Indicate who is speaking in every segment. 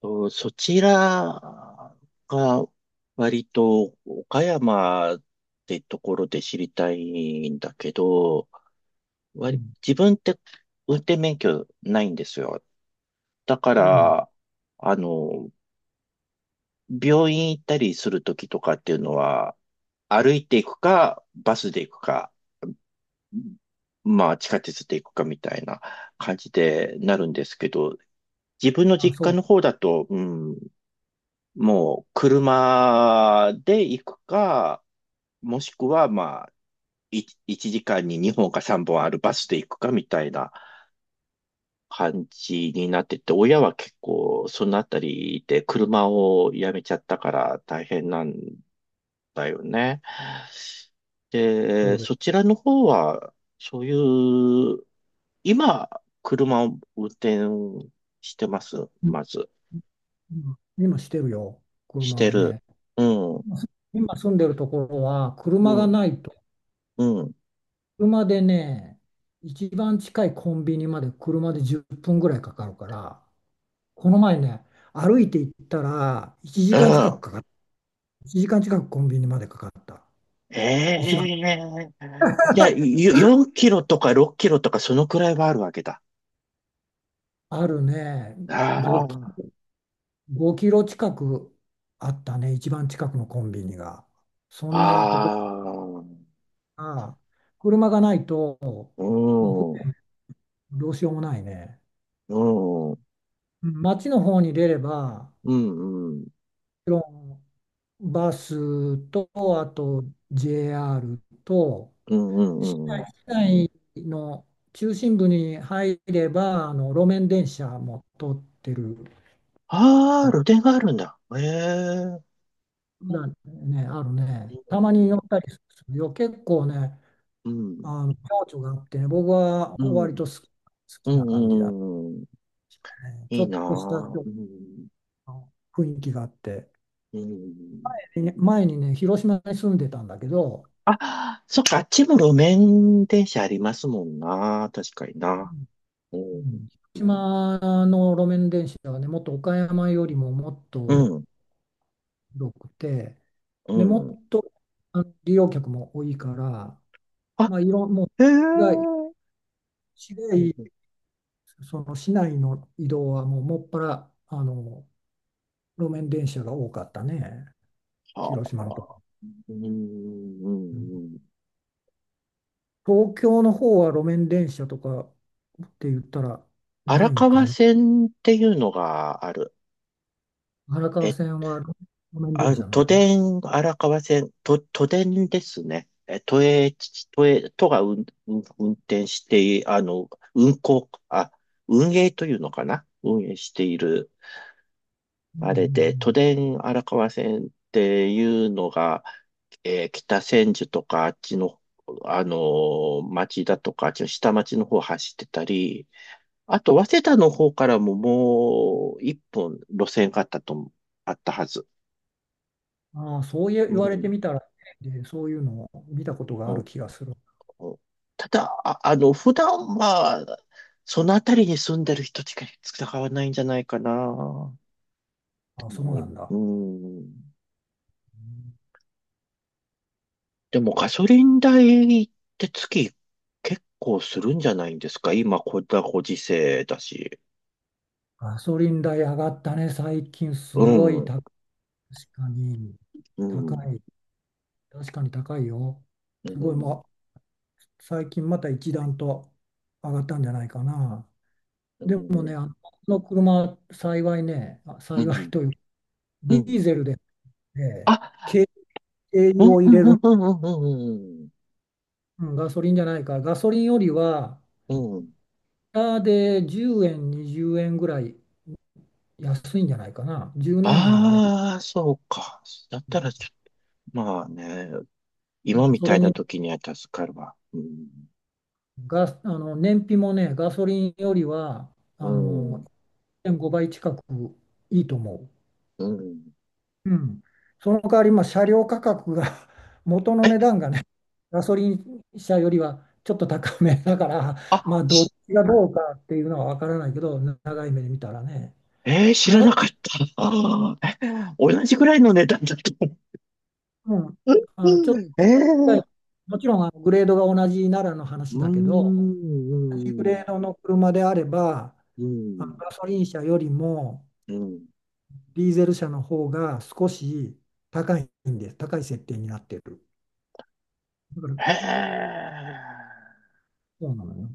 Speaker 1: と、そちらが割と岡山ってところで知りたいんだけど、
Speaker 2: うん。
Speaker 1: 自分って運転免許ないんですよ。だか
Speaker 2: うん。
Speaker 1: ら、あの、病院行ったりするときとかっていうのは、歩いていくか、バスで行くか、まあ地下鉄で行くかみたいな感じでなるんですけど、自分の
Speaker 2: あ、
Speaker 1: 実
Speaker 2: そう、
Speaker 1: 家の方だと、うん、もう車で行くか、もしくはまあ、1時間に2本か3本あるバスで行くかみたいな感じになってて、親は結構そのあたりで車をやめちゃったから大変なんだよね。
Speaker 2: そ
Speaker 1: で、
Speaker 2: うで
Speaker 1: そ
Speaker 2: す。
Speaker 1: ちらの方は、そういう、今、車を運転してます、
Speaker 2: うん、
Speaker 1: まず。
Speaker 2: うん、今してるよ、
Speaker 1: し
Speaker 2: 車
Speaker 1: て
Speaker 2: は
Speaker 1: る。
Speaker 2: ね。
Speaker 1: うん、
Speaker 2: 今住んでるところは、
Speaker 1: う
Speaker 2: 車が
Speaker 1: ん、
Speaker 2: ないと、
Speaker 1: うん。
Speaker 2: 車でね、一番近いコンビニまで車で10分ぐらいかかるから、この前ね、歩いて行ったら1
Speaker 1: う
Speaker 2: 時間近く
Speaker 1: ん。
Speaker 2: かかった。1時間近くコンビニまでかかった。
Speaker 1: え
Speaker 2: 一番
Speaker 1: え、いや、4キロとか6キロとかそのくらいはあるわけだ。
Speaker 2: あるね、5キ、
Speaker 1: あ
Speaker 2: 5キロ近くあったね、一番近くのコンビニが。そ
Speaker 1: あ、
Speaker 2: んなところ
Speaker 1: ああ、
Speaker 2: が、車がないと、
Speaker 1: う
Speaker 2: もう
Speaker 1: ん、う
Speaker 2: 船、どうしようもないね。
Speaker 1: ん、うん、
Speaker 2: 町の方に出れば、も
Speaker 1: うん、うん、
Speaker 2: ちろんバスと、あと JR と、
Speaker 1: う
Speaker 2: 市
Speaker 1: ん、う
Speaker 2: 内、
Speaker 1: ん。
Speaker 2: 市内の中心部に入れば、路面電車も通ってる
Speaker 1: あ
Speaker 2: か
Speaker 1: あ、
Speaker 2: ら、
Speaker 1: 露店があるんだ。ええ、
Speaker 2: まだね、あるね。たまに乗ったりするよ。結構ね、
Speaker 1: うん、うん、
Speaker 2: あの情緒があってね、僕は
Speaker 1: う
Speaker 2: 割
Speaker 1: ん、
Speaker 2: と好き、好
Speaker 1: う
Speaker 2: きな感じだ
Speaker 1: ん、うん。
Speaker 2: ね。ち
Speaker 1: い
Speaker 2: ょ
Speaker 1: い
Speaker 2: っ
Speaker 1: な
Speaker 2: とした
Speaker 1: あ。うん、
Speaker 2: 雰囲気があって。
Speaker 1: うん。
Speaker 2: ね、前にね、広島に住んでたんだけど、
Speaker 1: あ、そっか、あっちも路面電車ありますもんな。確かにな。う
Speaker 2: う
Speaker 1: ん、
Speaker 2: ん。広島の路面電車はね、もっと岡山よりももっ
Speaker 1: う
Speaker 2: と
Speaker 1: ん、
Speaker 2: 広くて、で、も
Speaker 1: うん。
Speaker 2: っと利用客も多いから、
Speaker 1: あ、
Speaker 2: まあ、いろん、もう、
Speaker 1: へえ。
Speaker 2: 市街、
Speaker 1: う
Speaker 2: 市
Speaker 1: ん、うん、
Speaker 2: 街その市内の移動はもうもっぱら、路面電車が多かったね、
Speaker 1: は
Speaker 2: 広島のと。
Speaker 1: あ。うん、う
Speaker 2: うん。
Speaker 1: ん、うん。
Speaker 2: 東京の方は路面電車とかって言ったらな
Speaker 1: 荒
Speaker 2: いんか
Speaker 1: 川
Speaker 2: な。
Speaker 1: 線っていうのがある。
Speaker 2: 荒川
Speaker 1: え、
Speaker 2: 線は路面
Speaker 1: あ、
Speaker 2: 電車な
Speaker 1: 都
Speaker 2: の？
Speaker 1: 電荒川線、と、都電ですね。え、都営、都が運転して、運行、運営というのかな、運営している
Speaker 2: うん、う
Speaker 1: あれで、都
Speaker 2: ん、
Speaker 1: 電荒川線っていうのが、北千住とかあっちの、町だとか、あっちの下町の方走ってたり、あと、早稲田の方からももう一本路線があったと思う、あったはず。
Speaker 2: うん。ああ、そう、言
Speaker 1: う
Speaker 2: 言われて
Speaker 1: ん。
Speaker 2: みたらね、で、そういうのを見たことがある
Speaker 1: お、
Speaker 2: 気がする。
Speaker 1: お、ただ、普段は、その辺りに住んでる人しか使わないんじゃないかな、と
Speaker 2: ああ、そう
Speaker 1: 思
Speaker 2: な
Speaker 1: い、
Speaker 2: んだ。
Speaker 1: うん。
Speaker 2: うん、
Speaker 1: でもガソリン代って月結構するんじゃないんですか？今、こんなご時世だし。
Speaker 2: ガソリン代上がったね、最近す
Speaker 1: う
Speaker 2: ご
Speaker 1: ん、
Speaker 2: い
Speaker 1: うん、
Speaker 2: 高い。確かに
Speaker 1: うん、
Speaker 2: 高い。確かに高いよ。す
Speaker 1: う
Speaker 2: ごい、
Speaker 1: ん、
Speaker 2: もう最近また一段と上がったんじゃないかな。
Speaker 1: う
Speaker 2: でもね、
Speaker 1: ん、
Speaker 2: この車、幸いね、
Speaker 1: う
Speaker 2: 幸い
Speaker 1: ん。
Speaker 2: というか、
Speaker 1: う
Speaker 2: ディ
Speaker 1: ん、
Speaker 2: ーゼルで、ね、
Speaker 1: あ、
Speaker 2: 軽軽
Speaker 1: う
Speaker 2: 油
Speaker 1: ん、
Speaker 2: を入
Speaker 1: うん、
Speaker 2: れ
Speaker 1: う
Speaker 2: る。
Speaker 1: ん、うん、うん、
Speaker 2: うん、ガソリンじゃないか。ガソリンよりは、
Speaker 1: うん。うん、
Speaker 2: で10円、20円ぐらい安いんじゃないかな。十何円は安い。
Speaker 1: ああ、そうか。だったらちょ、まあね、今み
Speaker 2: そ
Speaker 1: た
Speaker 2: れ
Speaker 1: いな
Speaker 2: に
Speaker 1: 時には助かるわ。うん、
Speaker 2: 燃費もね、ガソリンよりは
Speaker 1: う
Speaker 2: あの
Speaker 1: ん、
Speaker 2: 1.5倍近くいいと思
Speaker 1: うん。
Speaker 2: う。うん。その代わり、まあ、車両価格が 元の値段がね、ガソリン車よりはちょっと高めだから、ま
Speaker 1: あ、
Speaker 2: あ、どっ
Speaker 1: し
Speaker 2: ちがどうかっていうのは分からないけど、長い目で見たらね。
Speaker 1: 知ら
Speaker 2: 長い、
Speaker 1: なかった。あーえ同じぐらいの値段だと、
Speaker 2: うん、ちょっ
Speaker 1: うん、
Speaker 2: と、はい、
Speaker 1: ええ、
Speaker 2: もちろんグレードが同じならの
Speaker 1: う
Speaker 2: 話
Speaker 1: ー
Speaker 2: だけど、同じグレ
Speaker 1: ん、
Speaker 2: ードの車であれば、
Speaker 1: うん、
Speaker 2: ガソリン車よりも
Speaker 1: うん。
Speaker 2: ディーゼル車の方が少し高いんです。高い設定になってる。だから、
Speaker 1: へえ、
Speaker 2: そうなのよ。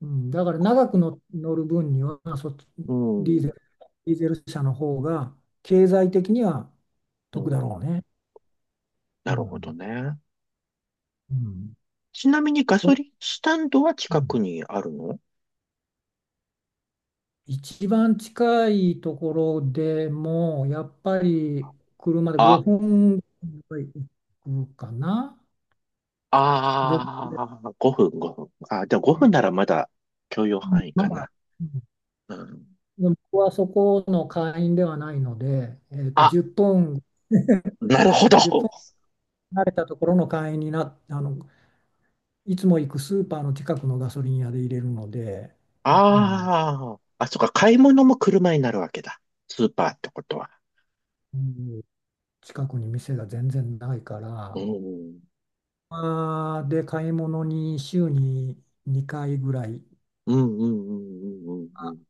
Speaker 2: うん、だから長くの乗る分にはそっち、
Speaker 1: う
Speaker 2: ディーゼ
Speaker 1: ん、
Speaker 2: ル、ディーゼル車の方が経済的には
Speaker 1: う
Speaker 2: 得
Speaker 1: ん。
Speaker 2: だろうね。う
Speaker 1: なるほど
Speaker 2: ん。
Speaker 1: ね。
Speaker 2: うん。
Speaker 1: ちなみにガ
Speaker 2: そ
Speaker 1: ソ
Speaker 2: う。
Speaker 1: リンスタンドは
Speaker 2: う
Speaker 1: 近く
Speaker 2: ん、
Speaker 1: にあるの？
Speaker 2: 一番近いところでも、やっぱり車で
Speaker 1: あ、
Speaker 2: 5分ぐらい行くかな。5、
Speaker 1: ああ、5分、5分。あ、じゃあ分ならまだ許容範囲
Speaker 2: ま
Speaker 1: か
Speaker 2: あ、
Speaker 1: な。
Speaker 2: うん、
Speaker 1: うん。
Speaker 2: でも僕はそこの会員ではないので、
Speaker 1: あ、
Speaker 2: 10分、
Speaker 1: なるほど。
Speaker 2: 1分離れたところの会員にな、いつも行くスーパーの近くのガソリン屋で入れるので、うん、
Speaker 1: ああ、あ、そっか、買い物も車になるわけだ。スーパーってことは。
Speaker 2: うん、近くに店が全然ないか
Speaker 1: う
Speaker 2: ら、
Speaker 1: ん、
Speaker 2: まあーで買い物に週に2回ぐらい、
Speaker 1: うん、うん、うん、うん、うん。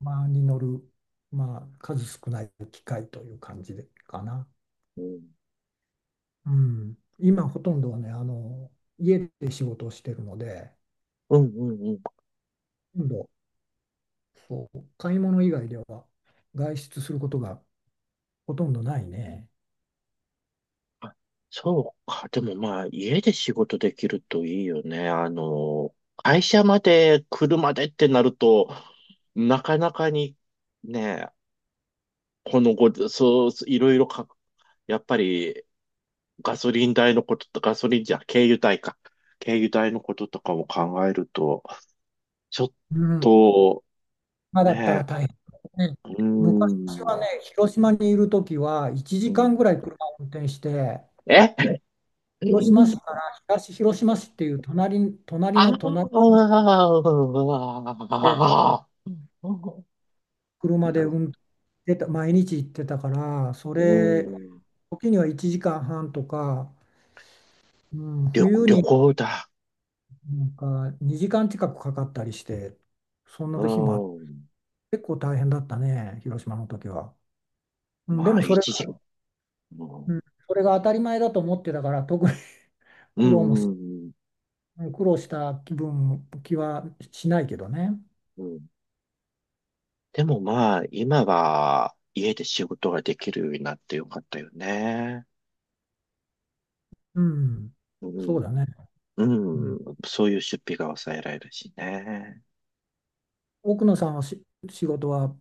Speaker 2: まあ、に乗る、まあ、数少ない機会という感じでかな。
Speaker 1: うん、
Speaker 2: うん、今、ほとんどはね、家で仕事をしてるので、
Speaker 1: うん、うん、うん。
Speaker 2: ほとんど、そう、買い物以外では外出することがほとんどないね。
Speaker 1: あ、そうか。でもまあ、家で仕事できるといいよね。会社まで車でってなると、なかなかにね、このご、そう、いろいろか、やっぱりガソリン代のことと、ガソリンじゃ、軽油代か。軽油代のこととかも考えると、ちょっ
Speaker 2: うん、
Speaker 1: と、
Speaker 2: 今だった
Speaker 1: ね、
Speaker 2: ら大変ね。
Speaker 1: うー
Speaker 2: 昔は
Speaker 1: ん、
Speaker 2: ね、広島にいるときは1
Speaker 1: う
Speaker 2: 時間ぐ
Speaker 1: ん。
Speaker 2: らい車を運転して、
Speaker 1: え
Speaker 2: 広島市から東広島市っていう
Speaker 1: あ
Speaker 2: 隣
Speaker 1: あ、
Speaker 2: の
Speaker 1: なる
Speaker 2: 隣
Speaker 1: ほ
Speaker 2: で
Speaker 1: ど。
Speaker 2: 車で運転してた、毎日行ってたから、そ
Speaker 1: う
Speaker 2: れ、
Speaker 1: ん。
Speaker 2: 時には1時間半とか、うん、冬
Speaker 1: 旅
Speaker 2: に
Speaker 1: 行だ。
Speaker 2: なんか2時間近くかかったりして、そんな
Speaker 1: う
Speaker 2: 日もあって、
Speaker 1: ん。
Speaker 2: 結構大変だったね、広島の時は。うん、で
Speaker 1: ま
Speaker 2: も
Speaker 1: あ、
Speaker 2: それ
Speaker 1: 一時、
Speaker 2: が、
Speaker 1: う
Speaker 2: うん、
Speaker 1: ん、
Speaker 2: それが当たり前だと思ってたから、特に
Speaker 1: う
Speaker 2: 苦労も
Speaker 1: ん、
Speaker 2: し、
Speaker 1: うん、
Speaker 2: うん、苦労した気はしないけどね。
Speaker 1: うん。でもまあ、今は家で仕事ができるようになってよかったよね。
Speaker 2: うん、
Speaker 1: う
Speaker 2: そうだ
Speaker 1: ん。
Speaker 2: ね。うん、
Speaker 1: うん。そういう出費が抑えられるしね。
Speaker 2: 奥野さんは、仕事は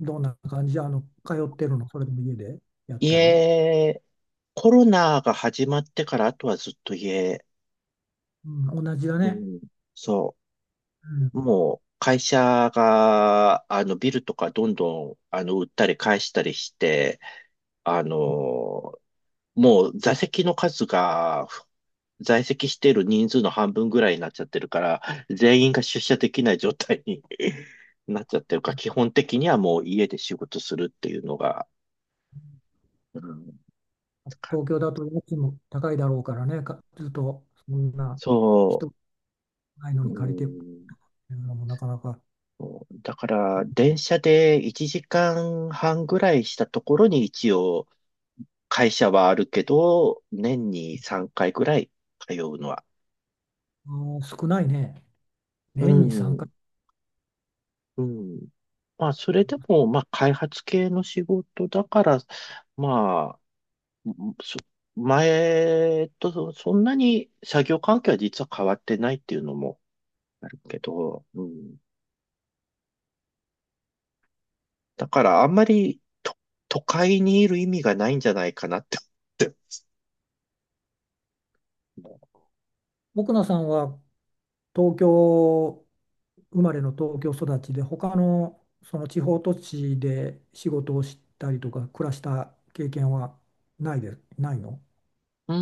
Speaker 2: どんな感じで、通ってるの、それでも家でやったり。
Speaker 1: 家、コロナが始まってから、あとはずっと家。
Speaker 2: うん、同じだ
Speaker 1: う
Speaker 2: ね。
Speaker 1: ん。そう。
Speaker 2: うん、
Speaker 1: もう会社が、ビルとかどんどん、売ったり返したりして、あの、もう座席の数が、在籍している人数の半分ぐらいになっちゃってるから、全員が出社できない状態に なっちゃってるから、基本的にはもう家で仕事するっていうのが、うん、
Speaker 2: 東京だと家賃も高いだろうからね、ずっとそんな
Speaker 1: そ
Speaker 2: 人ないの
Speaker 1: う、う
Speaker 2: に借りてって
Speaker 1: ん、
Speaker 2: いうのもなかなか、
Speaker 1: そうだから電車で1時間半ぐらいしたところに一応、会社はあるけど、年に3回ぐらい通うのは。
Speaker 2: うん、少ないね。
Speaker 1: う
Speaker 2: 年に3回。
Speaker 1: ん、うん。まあ、それでも、まあ、開発系の仕事だから、まあ、そ前とそんなに作業環境は実は変わってないっていうのもあるけど、うん。だから、あんまりと都会にいる意味がないんじゃないかなって思って。
Speaker 2: 奥野さんは東京生まれの東京育ちで、他のその地方都市で仕事をしたりとか暮らした経験はないの？
Speaker 1: う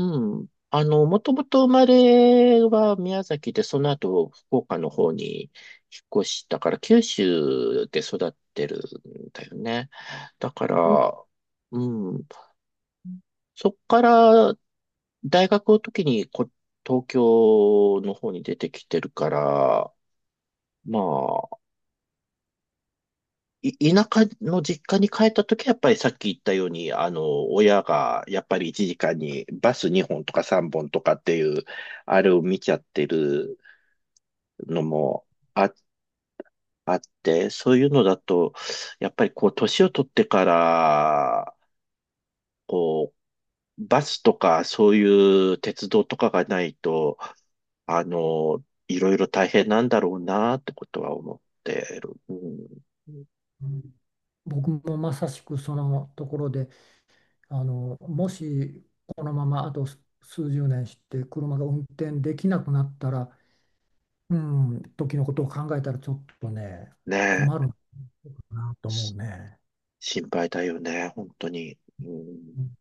Speaker 1: ん。もともと生まれは宮崎で、その後福岡の方に引っ越したから、九州で育ってるんだよね。だから、うん。そっから大学の時に東京の方に出てきてるから、まあ、田舎の実家に帰った時はやっぱりさっき言ったように、親がやっぱり1時間にバス2本とか3本とかっていう、あれを見ちゃってるのもあ、あって、そういうのだと、やっぱりこう、年を取ってから、こう、バスとかそういう鉄道とかがないと、いろいろ大変なんだろうなってことは思ってる。うん、
Speaker 2: うん、僕もまさしくそのところで、もしこのままあと数十年して車が運転できなくなったら、うん、時のことを考えたらちょっとね、
Speaker 1: ね
Speaker 2: 困
Speaker 1: え、
Speaker 2: るなと思う
Speaker 1: し
Speaker 2: ね。
Speaker 1: 心配だよね、本当に。うん